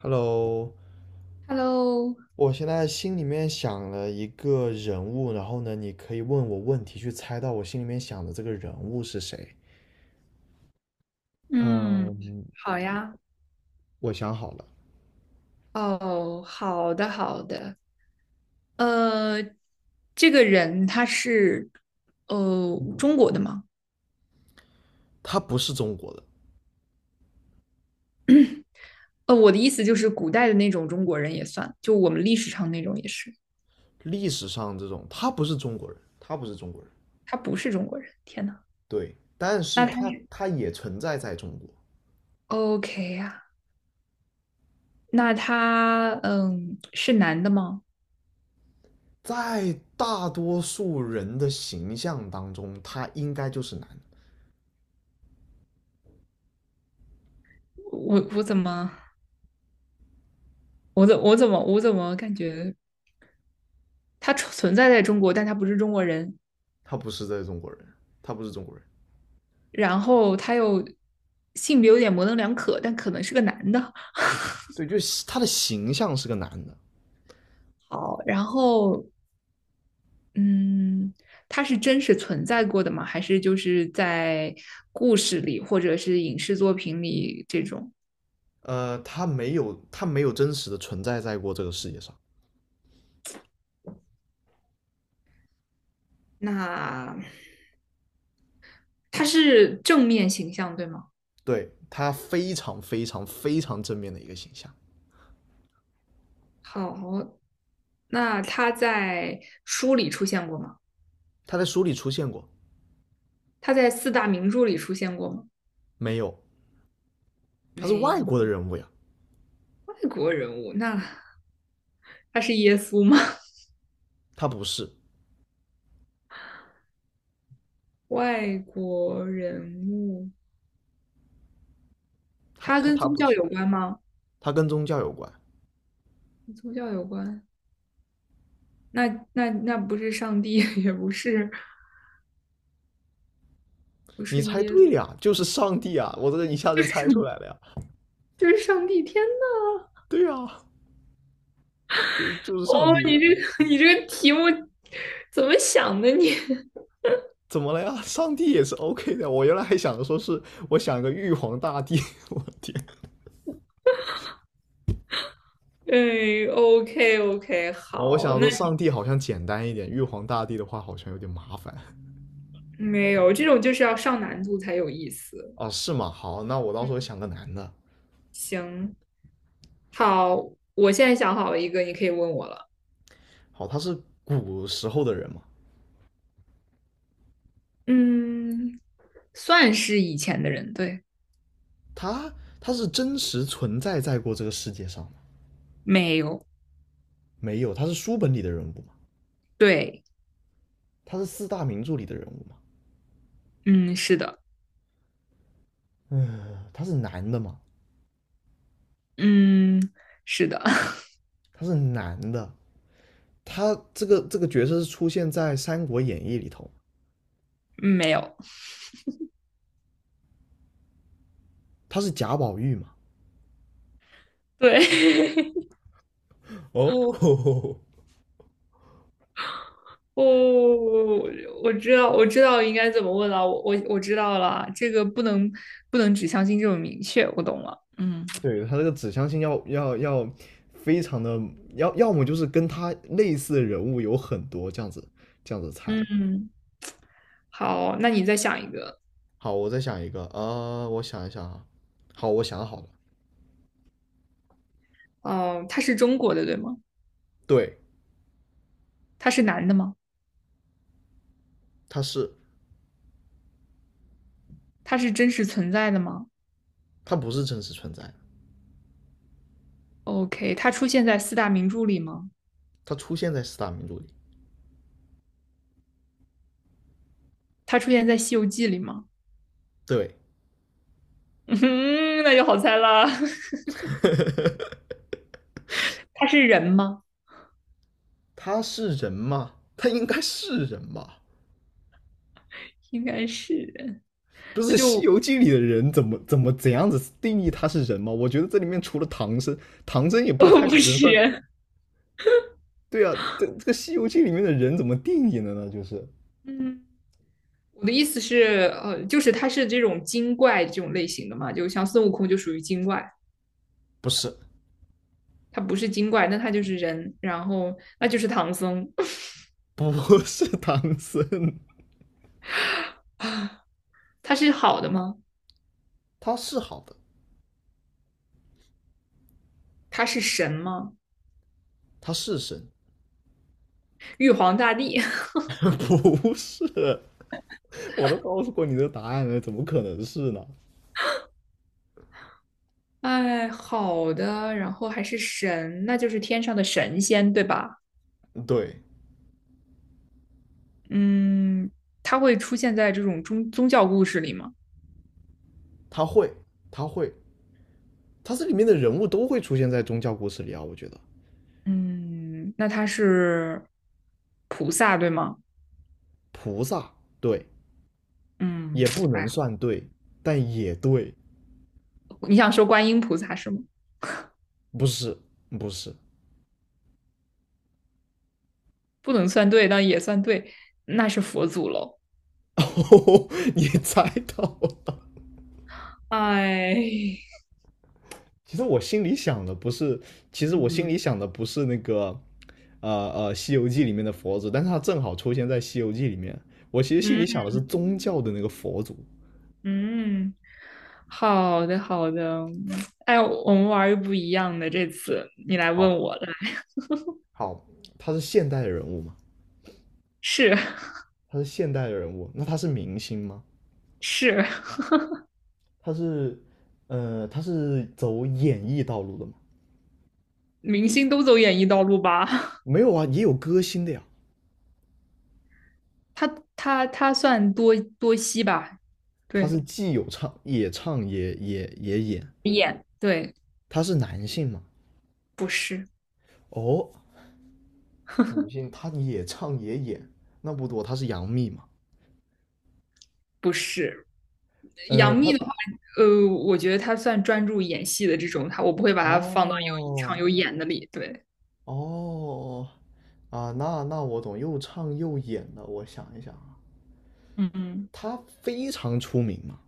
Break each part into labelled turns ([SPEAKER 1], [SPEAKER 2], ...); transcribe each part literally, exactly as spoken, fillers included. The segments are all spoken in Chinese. [SPEAKER 1] Hello，
[SPEAKER 2] Hello，
[SPEAKER 1] 我现在心里面想了一个人物，然后呢，你可以问我问题，去猜到我心里面想的这个人物是谁。
[SPEAKER 2] 嗯，
[SPEAKER 1] 嗯，
[SPEAKER 2] 好呀，
[SPEAKER 1] 我想好了，
[SPEAKER 2] 哦，好的，好的，呃，这个人他是呃中国的吗？
[SPEAKER 1] 他不是中国的。
[SPEAKER 2] 呃，我的意思就是古代的那种中国人也算，就我们历史上那种也是，
[SPEAKER 1] 历史上这种他不是中国人，他不是中国人。
[SPEAKER 2] 他不是中国人，天呐，
[SPEAKER 1] 对，但是
[SPEAKER 2] 那他
[SPEAKER 1] 他他也存在在中国。
[SPEAKER 2] OK 呀、那他嗯是男的吗？
[SPEAKER 1] 在大多数人的形象当中，他应该就是男的。
[SPEAKER 2] 我我怎么我怎我怎么我怎么感觉他存在在中国，但他不是中国人？
[SPEAKER 1] 他不是在中国人，他不是中国人。
[SPEAKER 2] 然后他又性别有点模棱两可，但可能是个男的。
[SPEAKER 1] 对，就是他的形象是个男的。
[SPEAKER 2] 好，然后嗯，他是真实存在过的吗？还是就是在故事里或者是影视作品里这种？
[SPEAKER 1] 呃，他没有，他没有真实的存在在过这个世界上。
[SPEAKER 2] 那他是正面形象对吗？
[SPEAKER 1] 对，他非常非常非常正面的一个形象。
[SPEAKER 2] 好，那他在书里出现过吗？
[SPEAKER 1] 他在书里出现过。
[SPEAKER 2] 他在四大名著里出现过吗？
[SPEAKER 1] 没有？他是外
[SPEAKER 2] 没，
[SPEAKER 1] 国的人物呀。
[SPEAKER 2] 外国人物，那他是耶稣吗？
[SPEAKER 1] 他不是，
[SPEAKER 2] 外国人物。
[SPEAKER 1] 他
[SPEAKER 2] 它
[SPEAKER 1] 他
[SPEAKER 2] 跟
[SPEAKER 1] 他
[SPEAKER 2] 宗
[SPEAKER 1] 不
[SPEAKER 2] 教
[SPEAKER 1] 是，
[SPEAKER 2] 有关吗？
[SPEAKER 1] 他跟宗教有关。
[SPEAKER 2] 跟宗教有关，那那那不是上帝，也不是不
[SPEAKER 1] 你
[SPEAKER 2] 是
[SPEAKER 1] 猜
[SPEAKER 2] 耶稣，
[SPEAKER 1] 对了呀，就是上帝啊！我这个一下就猜出来了呀。
[SPEAKER 2] 就是上帝。天呐，
[SPEAKER 1] 对呀、嗯就是
[SPEAKER 2] 哦，
[SPEAKER 1] 上
[SPEAKER 2] 你
[SPEAKER 1] 帝。
[SPEAKER 2] 这个 你这个题目怎么想的你？
[SPEAKER 1] 怎么了呀？上帝也是 OK 的。我原来还想着说是我想个玉皇大帝，我天！
[SPEAKER 2] 哎，O K OK，
[SPEAKER 1] 然后我
[SPEAKER 2] 好，
[SPEAKER 1] 想
[SPEAKER 2] 那
[SPEAKER 1] 说上帝好像简单一点，玉皇大帝的话好像有点麻烦。
[SPEAKER 2] 你没有这种就是要上难度才有意思。
[SPEAKER 1] 哦，是吗？好，那我到时候想个男的。
[SPEAKER 2] 嗯，好，我现在想好了一个，你可以问我了。
[SPEAKER 1] 好，他是古时候的人吗？
[SPEAKER 2] 嗯，算是以前的人，对，
[SPEAKER 1] 他他是真实存在在过这个世界上吗？
[SPEAKER 2] 没有，
[SPEAKER 1] 没有，他是书本里的人物吗？
[SPEAKER 2] 对，
[SPEAKER 1] 他是四大名著里的人物吗？
[SPEAKER 2] 嗯，是的，
[SPEAKER 1] 他是男的吗？
[SPEAKER 2] 嗯，是的，
[SPEAKER 1] 他是男的。他这个这个角色是出现在《三国演义》里头，
[SPEAKER 2] 没有。
[SPEAKER 1] 他是贾宝玉嘛？
[SPEAKER 2] 对，
[SPEAKER 1] 哦，
[SPEAKER 2] 哦，我知道，我知道应该怎么问了，我我我知道了，这个不能不能只相信这种明确，我懂了。嗯
[SPEAKER 1] 对，他这个指向性要要要非常的，要要么就是跟他类似的人物有很多，这样子这样子猜。
[SPEAKER 2] 嗯，好，那你再想一个。
[SPEAKER 1] 好，我再想一个，呃，我想一想啊。好，我想好了。
[SPEAKER 2] 哦、他是中国的，对吗？
[SPEAKER 1] 对，
[SPEAKER 2] 他是男的吗？
[SPEAKER 1] 他是。
[SPEAKER 2] 他是真实存在的吗
[SPEAKER 1] 他不是真实存在的。
[SPEAKER 2] ？OK，他出现在四大名著里吗？
[SPEAKER 1] 它出现在四大名著里。
[SPEAKER 2] 他出现在《西游记》里吗？
[SPEAKER 1] 对，
[SPEAKER 2] 嗯，那就好猜了。他是人吗？
[SPEAKER 1] 他是人吗？他应该是人吧？
[SPEAKER 2] 应该是人，
[SPEAKER 1] 不是
[SPEAKER 2] 那
[SPEAKER 1] 《西
[SPEAKER 2] 就
[SPEAKER 1] 游记》里的人怎么怎么怎样子定义他是人吗？我觉得这里面除了唐僧，唐僧也 不太
[SPEAKER 2] 不
[SPEAKER 1] 能
[SPEAKER 2] 是
[SPEAKER 1] 算。
[SPEAKER 2] 人。
[SPEAKER 1] 对啊，这这个《西游记》里面的人怎么定义的呢？就是
[SPEAKER 2] 嗯。我的意思是，呃，就是他是这种精怪这种类型的嘛，就像孙悟空就属于精怪，
[SPEAKER 1] 不是
[SPEAKER 2] 他不是精怪，那他就是人，然后那就是唐僧，
[SPEAKER 1] 不 是唐僧。
[SPEAKER 2] 他是好的吗？
[SPEAKER 1] 他是好的。
[SPEAKER 2] 他是神吗？
[SPEAKER 1] 他是神。
[SPEAKER 2] 玉皇大帝，
[SPEAKER 1] 不是。我都告诉过你的答案了，怎么可能是呢？
[SPEAKER 2] 哎，好的，然后还是神，那就是天上的神仙，对吧？
[SPEAKER 1] 对，
[SPEAKER 2] 嗯，他会出现在这种宗宗教故事里吗？
[SPEAKER 1] 他会，他会，他这里面的人物都会出现在宗教故事里啊。我觉得
[SPEAKER 2] 嗯，那他是菩萨，对吗？
[SPEAKER 1] 菩萨对，
[SPEAKER 2] 嗯，
[SPEAKER 1] 也不能
[SPEAKER 2] 哎，
[SPEAKER 1] 算对，但也对。
[SPEAKER 2] 你想说观音菩萨是吗？
[SPEAKER 1] 不是，不是。
[SPEAKER 2] 不能算对，但也算对，那是佛祖喽。
[SPEAKER 1] 哦，你猜到了。
[SPEAKER 2] 哎
[SPEAKER 1] 其实我心里想的不是，其实 我心
[SPEAKER 2] 嗯，
[SPEAKER 1] 里想的不是那个。呃呃，《西游记》里面的佛祖，但是他正好出现在《西游记》里面。我其实心里
[SPEAKER 2] 嗯
[SPEAKER 1] 想的是宗教的那个佛祖。
[SPEAKER 2] 嗯，好的好的，哎，我们玩儿不一样的，这次你来
[SPEAKER 1] 好，
[SPEAKER 2] 问我了，
[SPEAKER 1] 好，他是现代的人物嘛？
[SPEAKER 2] 是
[SPEAKER 1] 他是现代的人物，那他是明星吗？
[SPEAKER 2] 是，
[SPEAKER 1] 他是。呃，他是走演艺道路的吗？
[SPEAKER 2] 明星都走演艺道路吧？
[SPEAKER 1] 没有啊，也有歌星的呀。
[SPEAKER 2] 他他他算多多熙吧？
[SPEAKER 1] 他
[SPEAKER 2] 对，
[SPEAKER 1] 是既有唱也唱也也也演，
[SPEAKER 2] 演对，
[SPEAKER 1] 他是男性嘛？
[SPEAKER 2] 不是
[SPEAKER 1] 哦，女性他也唱也演，那不多，他是杨幂嘛？
[SPEAKER 2] 不是，
[SPEAKER 1] 呃，
[SPEAKER 2] 杨幂
[SPEAKER 1] 他
[SPEAKER 2] 的话，呃，我觉得她算专注演戏的这种，她我不会把她放到有唱
[SPEAKER 1] 哦
[SPEAKER 2] 有演的里，对，
[SPEAKER 1] 哦啊，那那我懂，又唱又演的，我想一想啊。
[SPEAKER 2] 嗯嗯。
[SPEAKER 1] 他非常出名嘛，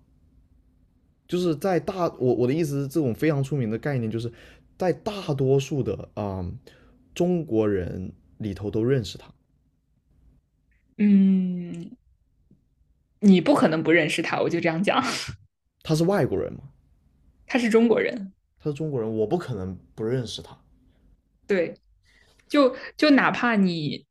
[SPEAKER 1] 就是在大我我的意思是，这种非常出名的概念，就是在大多数的啊、嗯中国人里头都认识他。
[SPEAKER 2] 嗯，你不可能不认识他，我就这样讲，
[SPEAKER 1] 他是外国人嘛？
[SPEAKER 2] 他是中国人，
[SPEAKER 1] 他是中国人，我不可能不认识他。
[SPEAKER 2] 对，就就哪怕你，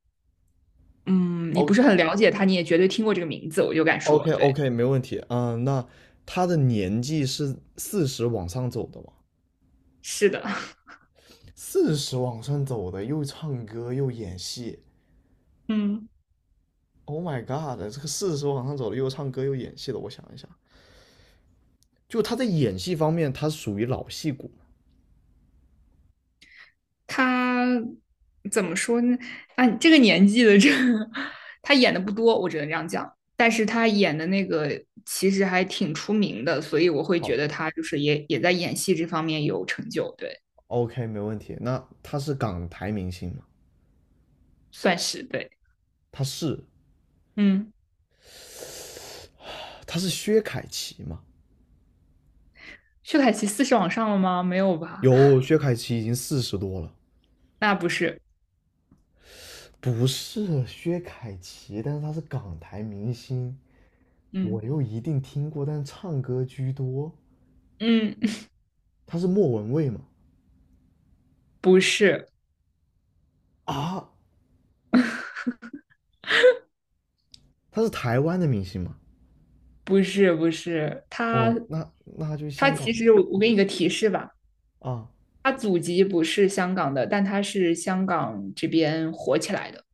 [SPEAKER 2] 嗯，你不是
[SPEAKER 1] OK
[SPEAKER 2] 很了解他，你也绝对听过这个名字，我就敢说，
[SPEAKER 1] OK
[SPEAKER 2] 对，
[SPEAKER 1] OK，没问题。嗯，那他的年纪是四十往上走的嘛？
[SPEAKER 2] 是的，
[SPEAKER 1] 四十往上走的，又唱歌又演戏。
[SPEAKER 2] 嗯，
[SPEAKER 1] Oh my god！这个四十往上走的，又唱歌又演戏的，我想一想，就他在演戏方面，他属于老戏骨。
[SPEAKER 2] 他怎么说呢？啊，这个年纪的这个 他演的不多，我只能这样讲，但是他演的那个其实还挺出名的，所以我会觉
[SPEAKER 1] 好，
[SPEAKER 2] 得他就是也也在演戏这方面有成就，对，
[SPEAKER 1] OK，没问题。那他是港台明星吗？
[SPEAKER 2] 算是对，
[SPEAKER 1] 他是
[SPEAKER 2] 嗯，
[SPEAKER 1] 他是薛凯琪吗？
[SPEAKER 2] 薛凯琪四是往上了吗？没有吧？
[SPEAKER 1] 有，薛凯琪已经四十多了。
[SPEAKER 2] 那不是，
[SPEAKER 1] 不是薛凯琪，但是他是港台明星，我
[SPEAKER 2] 嗯
[SPEAKER 1] 又一定听过，但是唱歌居多。
[SPEAKER 2] 嗯，
[SPEAKER 1] 他是莫文蔚吗？
[SPEAKER 2] 不是，
[SPEAKER 1] 啊，他是台湾的明星吗？
[SPEAKER 2] 不是，不是，他
[SPEAKER 1] 哦，那那他就是
[SPEAKER 2] 他
[SPEAKER 1] 香港
[SPEAKER 2] 其实我我给你个提示吧，
[SPEAKER 1] 啊，
[SPEAKER 2] 他祖籍不是香港的，但他是香港这边火起来的。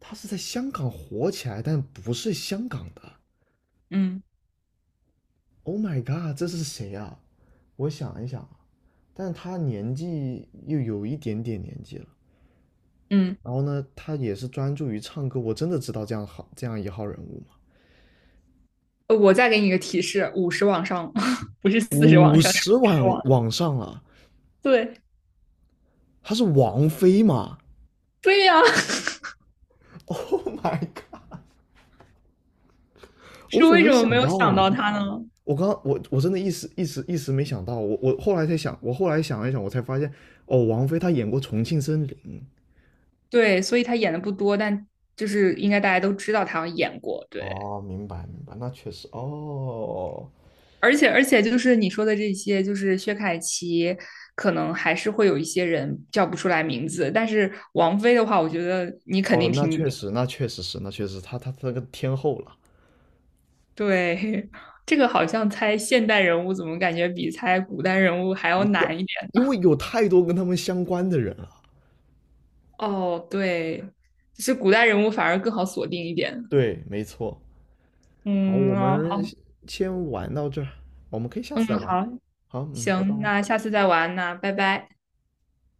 [SPEAKER 1] 他是在香港火起来，但不是香港的。
[SPEAKER 2] 嗯
[SPEAKER 1] Oh my god，这是谁啊？我想一想啊，但他年纪又有一点点年纪了。
[SPEAKER 2] 嗯，
[SPEAKER 1] 然后呢，他也是专注于唱歌。我真的知道这样好这样一号人物吗？
[SPEAKER 2] 呃我再给你个提示，五十往上，不是四十往
[SPEAKER 1] 五
[SPEAKER 2] 上，是五
[SPEAKER 1] 十
[SPEAKER 2] 十
[SPEAKER 1] 万
[SPEAKER 2] 往。
[SPEAKER 1] 往上了，
[SPEAKER 2] 对
[SPEAKER 1] 他是王菲吗
[SPEAKER 2] 对呀、
[SPEAKER 1] ？Oh my god，
[SPEAKER 2] 是
[SPEAKER 1] 我怎么
[SPEAKER 2] 为
[SPEAKER 1] 没
[SPEAKER 2] 什么没
[SPEAKER 1] 想
[SPEAKER 2] 有
[SPEAKER 1] 到
[SPEAKER 2] 想
[SPEAKER 1] 啊？
[SPEAKER 2] 到他呢？
[SPEAKER 1] 我刚我我真的一时一时一时没想到，我我后来才想，我后来想了一想，我才发现，哦，王菲她演过《重庆森林》。
[SPEAKER 2] 对，所以他演的不多，但就是应该大家都知道他演过。对。
[SPEAKER 1] 哦，明白明白，那确实哦，
[SPEAKER 2] 而且而且就是你说的这些，就是薛凯琪，可能还是会有一些人叫不出来名字，但是王菲的话，我觉得你肯
[SPEAKER 1] 哦，
[SPEAKER 2] 定
[SPEAKER 1] 那
[SPEAKER 2] 听
[SPEAKER 1] 确
[SPEAKER 2] 过。
[SPEAKER 1] 实，那确实是，那确实，他他他那个天后了。
[SPEAKER 2] 对，这个好像猜现代人物，怎么感觉比猜古代人物还要
[SPEAKER 1] 要
[SPEAKER 2] 难一点？
[SPEAKER 1] 因为有太多跟他们相关的人了。
[SPEAKER 2] 哦，对，就是古代人物反而更好锁定一点。
[SPEAKER 1] 对，没错。好，我
[SPEAKER 2] 嗯，哦，
[SPEAKER 1] 们
[SPEAKER 2] 好，
[SPEAKER 1] 先先玩到这儿，我们可以下次
[SPEAKER 2] 嗯，
[SPEAKER 1] 再玩。
[SPEAKER 2] 好，
[SPEAKER 1] 好，嗯，拜拜。
[SPEAKER 2] 行，那下次再玩，那拜拜。